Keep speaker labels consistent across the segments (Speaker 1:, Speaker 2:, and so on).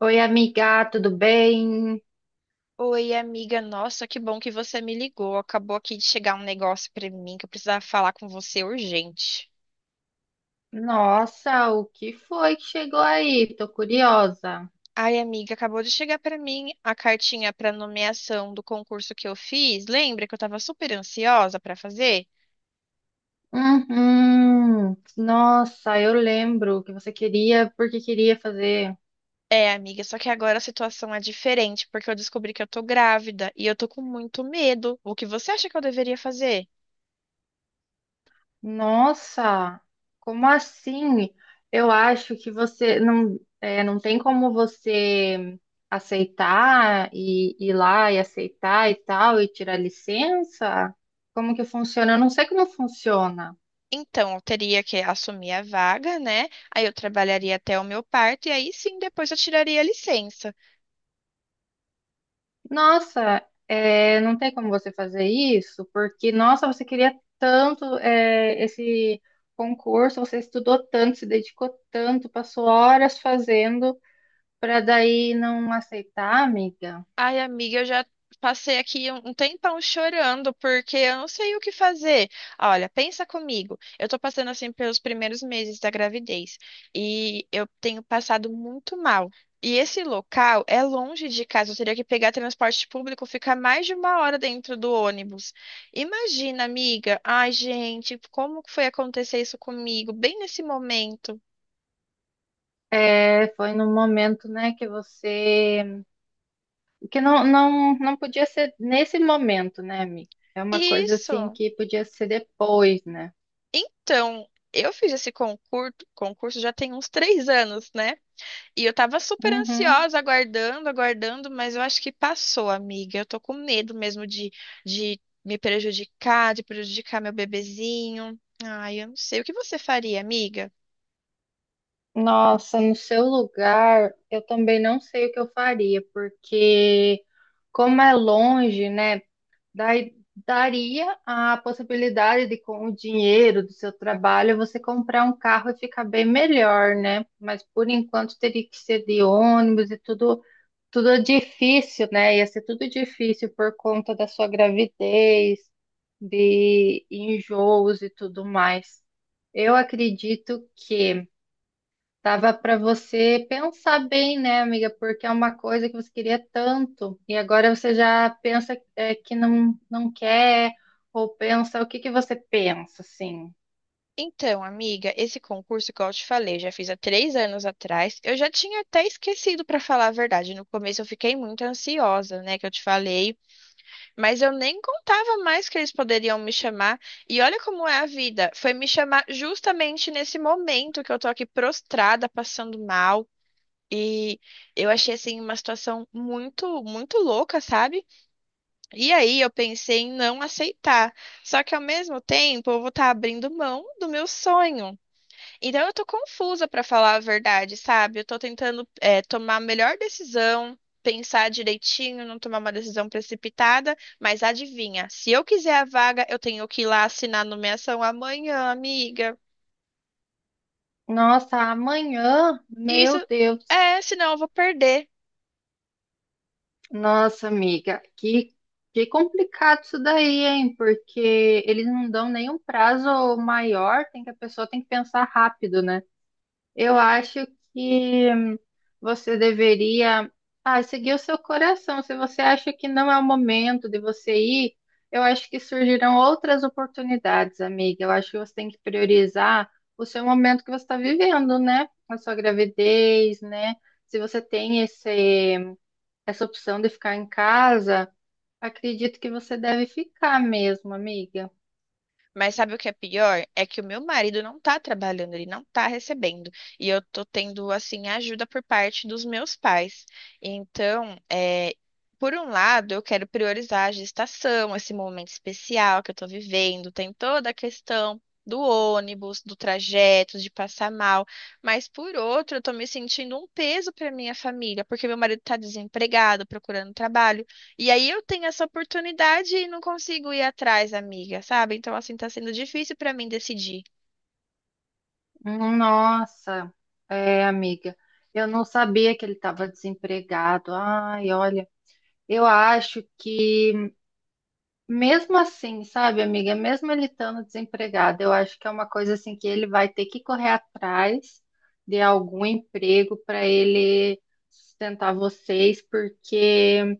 Speaker 1: Oi, amiga, tudo bem?
Speaker 2: Oi, amiga. Nossa, que bom que você me ligou. Acabou aqui de chegar um negócio pra mim que eu precisava falar com você urgente.
Speaker 1: Nossa, o que foi que chegou aí? Tô curiosa.
Speaker 2: Ai, amiga, acabou de chegar pra mim a cartinha pra nomeação do concurso que eu fiz. Lembra que eu tava super ansiosa pra fazer?
Speaker 1: Uhum. Nossa, eu lembro que você queria, porque queria fazer.
Speaker 2: É, amiga, só que agora a situação é diferente, porque eu descobri que eu tô grávida e eu tô com muito medo. O que você acha que eu deveria fazer?
Speaker 1: Nossa, como assim? Eu acho que você não, não tem como você aceitar e ir lá e aceitar e tal e tirar licença? Como que funciona? Eu não sei como funciona.
Speaker 2: Então, eu teria que assumir a vaga, né? Aí eu trabalharia até o meu parto e aí sim depois eu tiraria a licença.
Speaker 1: Nossa, não tem como você fazer isso, porque, nossa, você queria tanto, esse concurso, você estudou tanto, se dedicou tanto, passou horas fazendo, para daí não aceitar, amiga.
Speaker 2: Ai, amiga, eu já passei aqui um tempão chorando porque eu não sei o que fazer. Olha, pensa comigo. Eu tô passando assim pelos primeiros meses da gravidez e eu tenho passado muito mal. E esse local é longe de casa, eu teria que pegar transporte público, ficar mais de 1 hora dentro do ônibus. Imagina, amiga. Ai, gente, como que foi acontecer isso comigo, bem nesse momento?
Speaker 1: É, foi num momento, né, que você, que não podia ser nesse momento, né, amiga? É uma coisa assim
Speaker 2: Isso.
Speaker 1: que podia ser depois, né?
Speaker 2: Então, eu fiz esse concurso, concurso já tem uns 3 anos, né? E eu tava super
Speaker 1: Uhum.
Speaker 2: ansiosa, aguardando, aguardando, mas eu acho que passou, amiga. Eu tô com medo mesmo de me prejudicar, de prejudicar meu bebezinho. Ai, eu não sei. O que você faria, amiga?
Speaker 1: Nossa, no seu lugar, eu também não sei o que eu faria, porque como é longe, né, dai- daria a possibilidade de com o dinheiro do seu trabalho você comprar um carro e ficar bem melhor, né? Mas por enquanto teria que ser de ônibus e tudo, tudo é difícil, né? Ia ser tudo difícil por conta da sua gravidez, de enjoos e tudo mais. Eu acredito que dava para você pensar bem, né, amiga? Porque é uma coisa que você queria tanto e agora você já pensa que não, não quer ou pensa o que que você pensa, assim?
Speaker 2: Então, amiga, esse concurso, que eu te falei, eu já fiz há 3 anos atrás. Eu já tinha até esquecido, pra falar a verdade. No começo eu fiquei muito ansiosa, né? Que eu te falei. Mas eu nem contava mais que eles poderiam me chamar. E olha como é a vida. Foi me chamar justamente nesse momento que eu tô aqui prostrada, passando mal. E eu achei assim uma situação muito, muito louca, sabe? E aí eu pensei em não aceitar. Só que ao mesmo tempo eu vou estar abrindo mão do meu sonho. Então eu tô confusa pra falar a verdade, sabe? Eu tô tentando tomar a melhor decisão, pensar direitinho, não tomar uma decisão precipitada, mas adivinha, se eu quiser a vaga, eu tenho que ir lá assinar a nomeação amanhã, amiga.
Speaker 1: Nossa, amanhã,
Speaker 2: E isso
Speaker 1: meu Deus,
Speaker 2: é, senão eu vou perder.
Speaker 1: nossa, amiga, que complicado isso daí, hein? Porque eles não dão nenhum prazo maior, tem que a pessoa tem que pensar rápido, né? Eu acho que você deveria, ah, seguir o seu coração. Se você acha que não é o momento de você ir, eu acho que surgirão outras oportunidades, amiga. Eu acho que você tem que priorizar o seu momento que você está vivendo, né? A sua gravidez, né? Se você tem essa opção de ficar em casa, acredito que você deve ficar mesmo, amiga.
Speaker 2: Mas sabe o que é pior? É que o meu marido não tá trabalhando, ele não tá recebendo. E eu tô tendo, assim, ajuda por parte dos meus pais. Então, é, por um lado, eu quero priorizar a gestação, esse momento especial que eu tô vivendo. Tem toda a questão do ônibus, do trajeto, de passar mal. Mas, por outro, eu tô me sentindo um peso pra minha família, porque meu marido tá desempregado, procurando trabalho. E aí eu tenho essa oportunidade e não consigo ir atrás, amiga, sabe? Então, assim, tá sendo difícil pra mim decidir.
Speaker 1: Nossa, é, amiga, eu não sabia que ele estava desempregado. Ai, olha, eu acho que mesmo assim, sabe, amiga, mesmo ele estando desempregado, eu acho que é uma coisa assim que ele vai ter que correr atrás de algum emprego para ele sustentar vocês, porque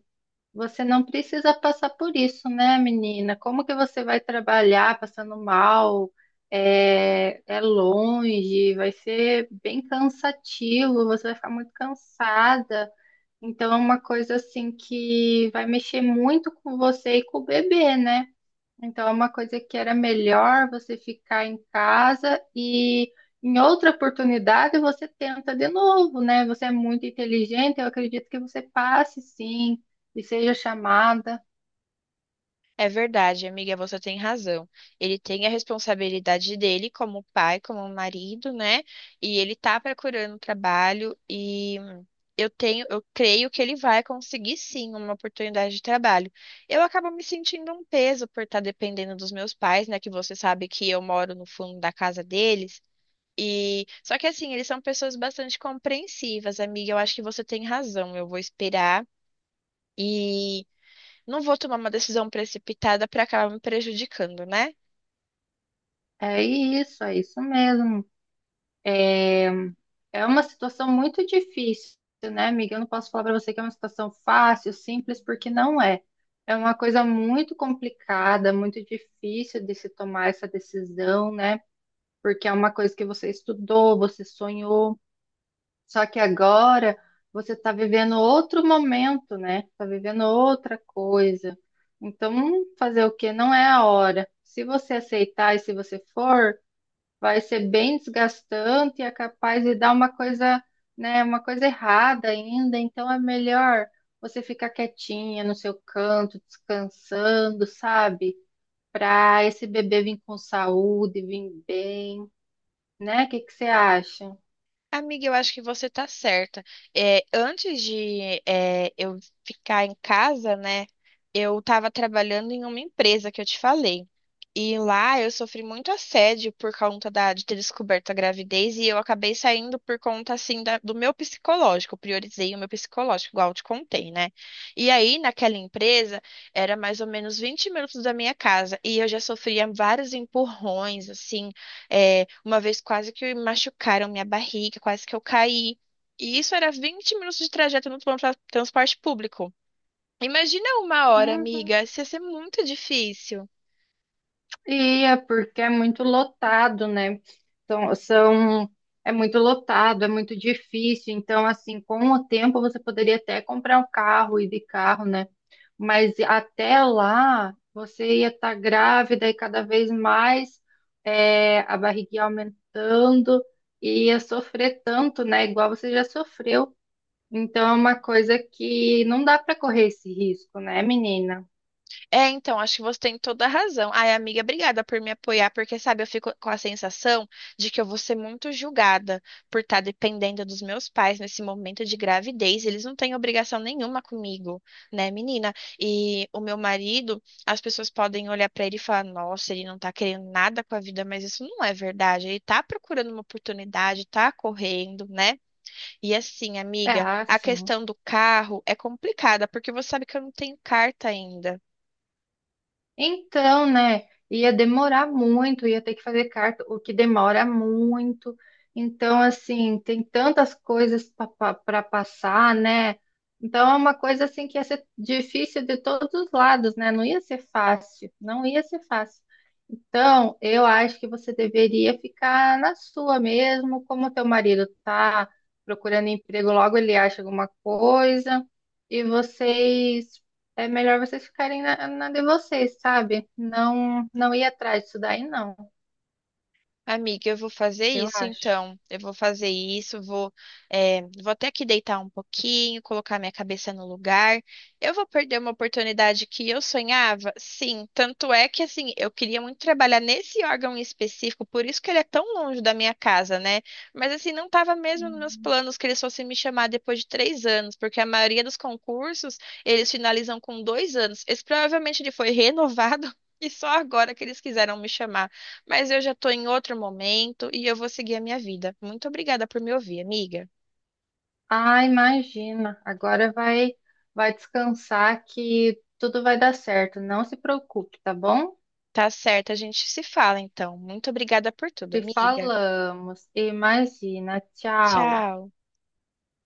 Speaker 1: você não precisa passar por isso, né, menina? Como que você vai trabalhar passando mal? É, é longe, vai ser bem cansativo, você vai ficar muito cansada. Então, é uma coisa assim que vai mexer muito com você e com o bebê, né? Então, é uma coisa que era melhor você ficar em casa e em outra oportunidade você tenta de novo, né? Você é muito inteligente, eu acredito que você passe sim e seja chamada.
Speaker 2: É verdade, amiga, você tem razão. Ele tem a responsabilidade dele como pai, como marido, né? E ele tá procurando trabalho e eu tenho, eu creio que ele vai conseguir sim uma oportunidade de trabalho. Eu acabo me sentindo um peso por estar dependendo dos meus pais, né? Que você sabe que eu moro no fundo da casa deles. E só que assim, eles são pessoas bastante compreensivas, amiga. Eu acho que você tem razão. Eu vou esperar e não vou tomar uma decisão precipitada para acabar me prejudicando, né?
Speaker 1: É isso mesmo. É, é uma situação muito difícil, né, amiga? Eu não posso falar para você que é uma situação fácil, simples, porque não é. É uma coisa muito complicada, muito difícil de se tomar essa decisão, né? Porque é uma coisa que você estudou, você sonhou, só que agora você está vivendo outro momento, né? Está vivendo outra coisa. Então, fazer o quê? Não é a hora. Se você aceitar e se você for, vai ser bem desgastante e é capaz de dar uma coisa, né, uma coisa errada ainda. Então, é melhor você ficar quietinha no seu canto, descansando, sabe? Para esse bebê vir com saúde, vir bem, né? O que que você acha?
Speaker 2: Amiga, eu acho que você tá certa. É, antes de eu ficar em casa, né, eu estava trabalhando em uma empresa que eu te falei. E lá eu sofri muito assédio por conta de ter descoberto a gravidez e eu acabei saindo por conta, assim, do meu psicológico. Eu priorizei o meu psicológico, igual eu te contei, né? E aí, naquela empresa, era mais ou menos 20 minutos da minha casa e eu já sofria vários empurrões, assim. É, uma vez quase que machucaram minha barriga, quase que eu caí. E isso era 20 minutos de trajeto no transporte público. Imagina 1 hora,
Speaker 1: Hum,
Speaker 2: amiga, isso ia ser muito difícil.
Speaker 1: ia, porque é muito lotado, né? São, são, é muito lotado, é muito difícil. Então, assim, com o tempo você poderia até comprar um carro, ir de carro, né? Mas até lá você ia estar grávida e cada vez mais é, a barriguinha aumentando e ia sofrer tanto, né? Igual você já sofreu. Então, é uma coisa que não dá para correr esse risco, né, menina?
Speaker 2: É, então, acho que você tem toda a razão. Ai, amiga, obrigada por me apoiar, porque, sabe, eu fico com a sensação de que eu vou ser muito julgada por estar dependendo dos meus pais nesse momento de gravidez. Eles não têm obrigação nenhuma comigo, né, menina? E o meu marido, as pessoas podem olhar pra ele e falar: nossa, ele não tá querendo nada com a vida, mas isso não é verdade. Ele tá procurando uma oportunidade, tá correndo, né? E assim,
Speaker 1: É
Speaker 2: amiga, a
Speaker 1: assim.
Speaker 2: questão do carro é complicada, porque você sabe que eu não tenho carta ainda.
Speaker 1: Então, né? Ia demorar muito, ia ter que fazer carta, o que demora muito. Então, assim, tem tantas coisas para passar, né? Então, é uma coisa assim que ia ser difícil de todos os lados, né? Não ia ser fácil, não ia ser fácil. Então, eu acho que você deveria ficar na sua mesmo, como teu marido tá procurando emprego, logo ele acha alguma coisa e vocês, é melhor vocês ficarem na de vocês, sabe? Não, não ir atrás disso daí, não,
Speaker 2: Amiga, eu vou fazer
Speaker 1: eu
Speaker 2: isso
Speaker 1: acho.
Speaker 2: então. Eu vou fazer isso, vou, é, vou até que deitar um pouquinho, colocar minha cabeça no lugar. Eu vou perder uma oportunidade que eu sonhava? Sim, tanto é que assim, eu queria muito trabalhar nesse órgão em específico, por isso que ele é tão longe da minha casa, né? Mas assim, não estava mesmo nos meus
Speaker 1: Uhum.
Speaker 2: planos que eles fossem me chamar depois de 3 anos, porque a maioria dos concursos eles finalizam com 2 anos. Esse provavelmente ele foi renovado. E só agora que eles quiseram me chamar. Mas eu já tô em outro momento e eu vou seguir a minha vida. Muito obrigada por me ouvir, amiga.
Speaker 1: Ah, imagina. Agora vai, vai descansar que tudo vai dar certo. Não se preocupe, tá bom?
Speaker 2: Tá certo, a gente se fala então. Muito obrigada por tudo,
Speaker 1: Te
Speaker 2: amiga.
Speaker 1: falamos. Imagina. Tchau.
Speaker 2: Tchau.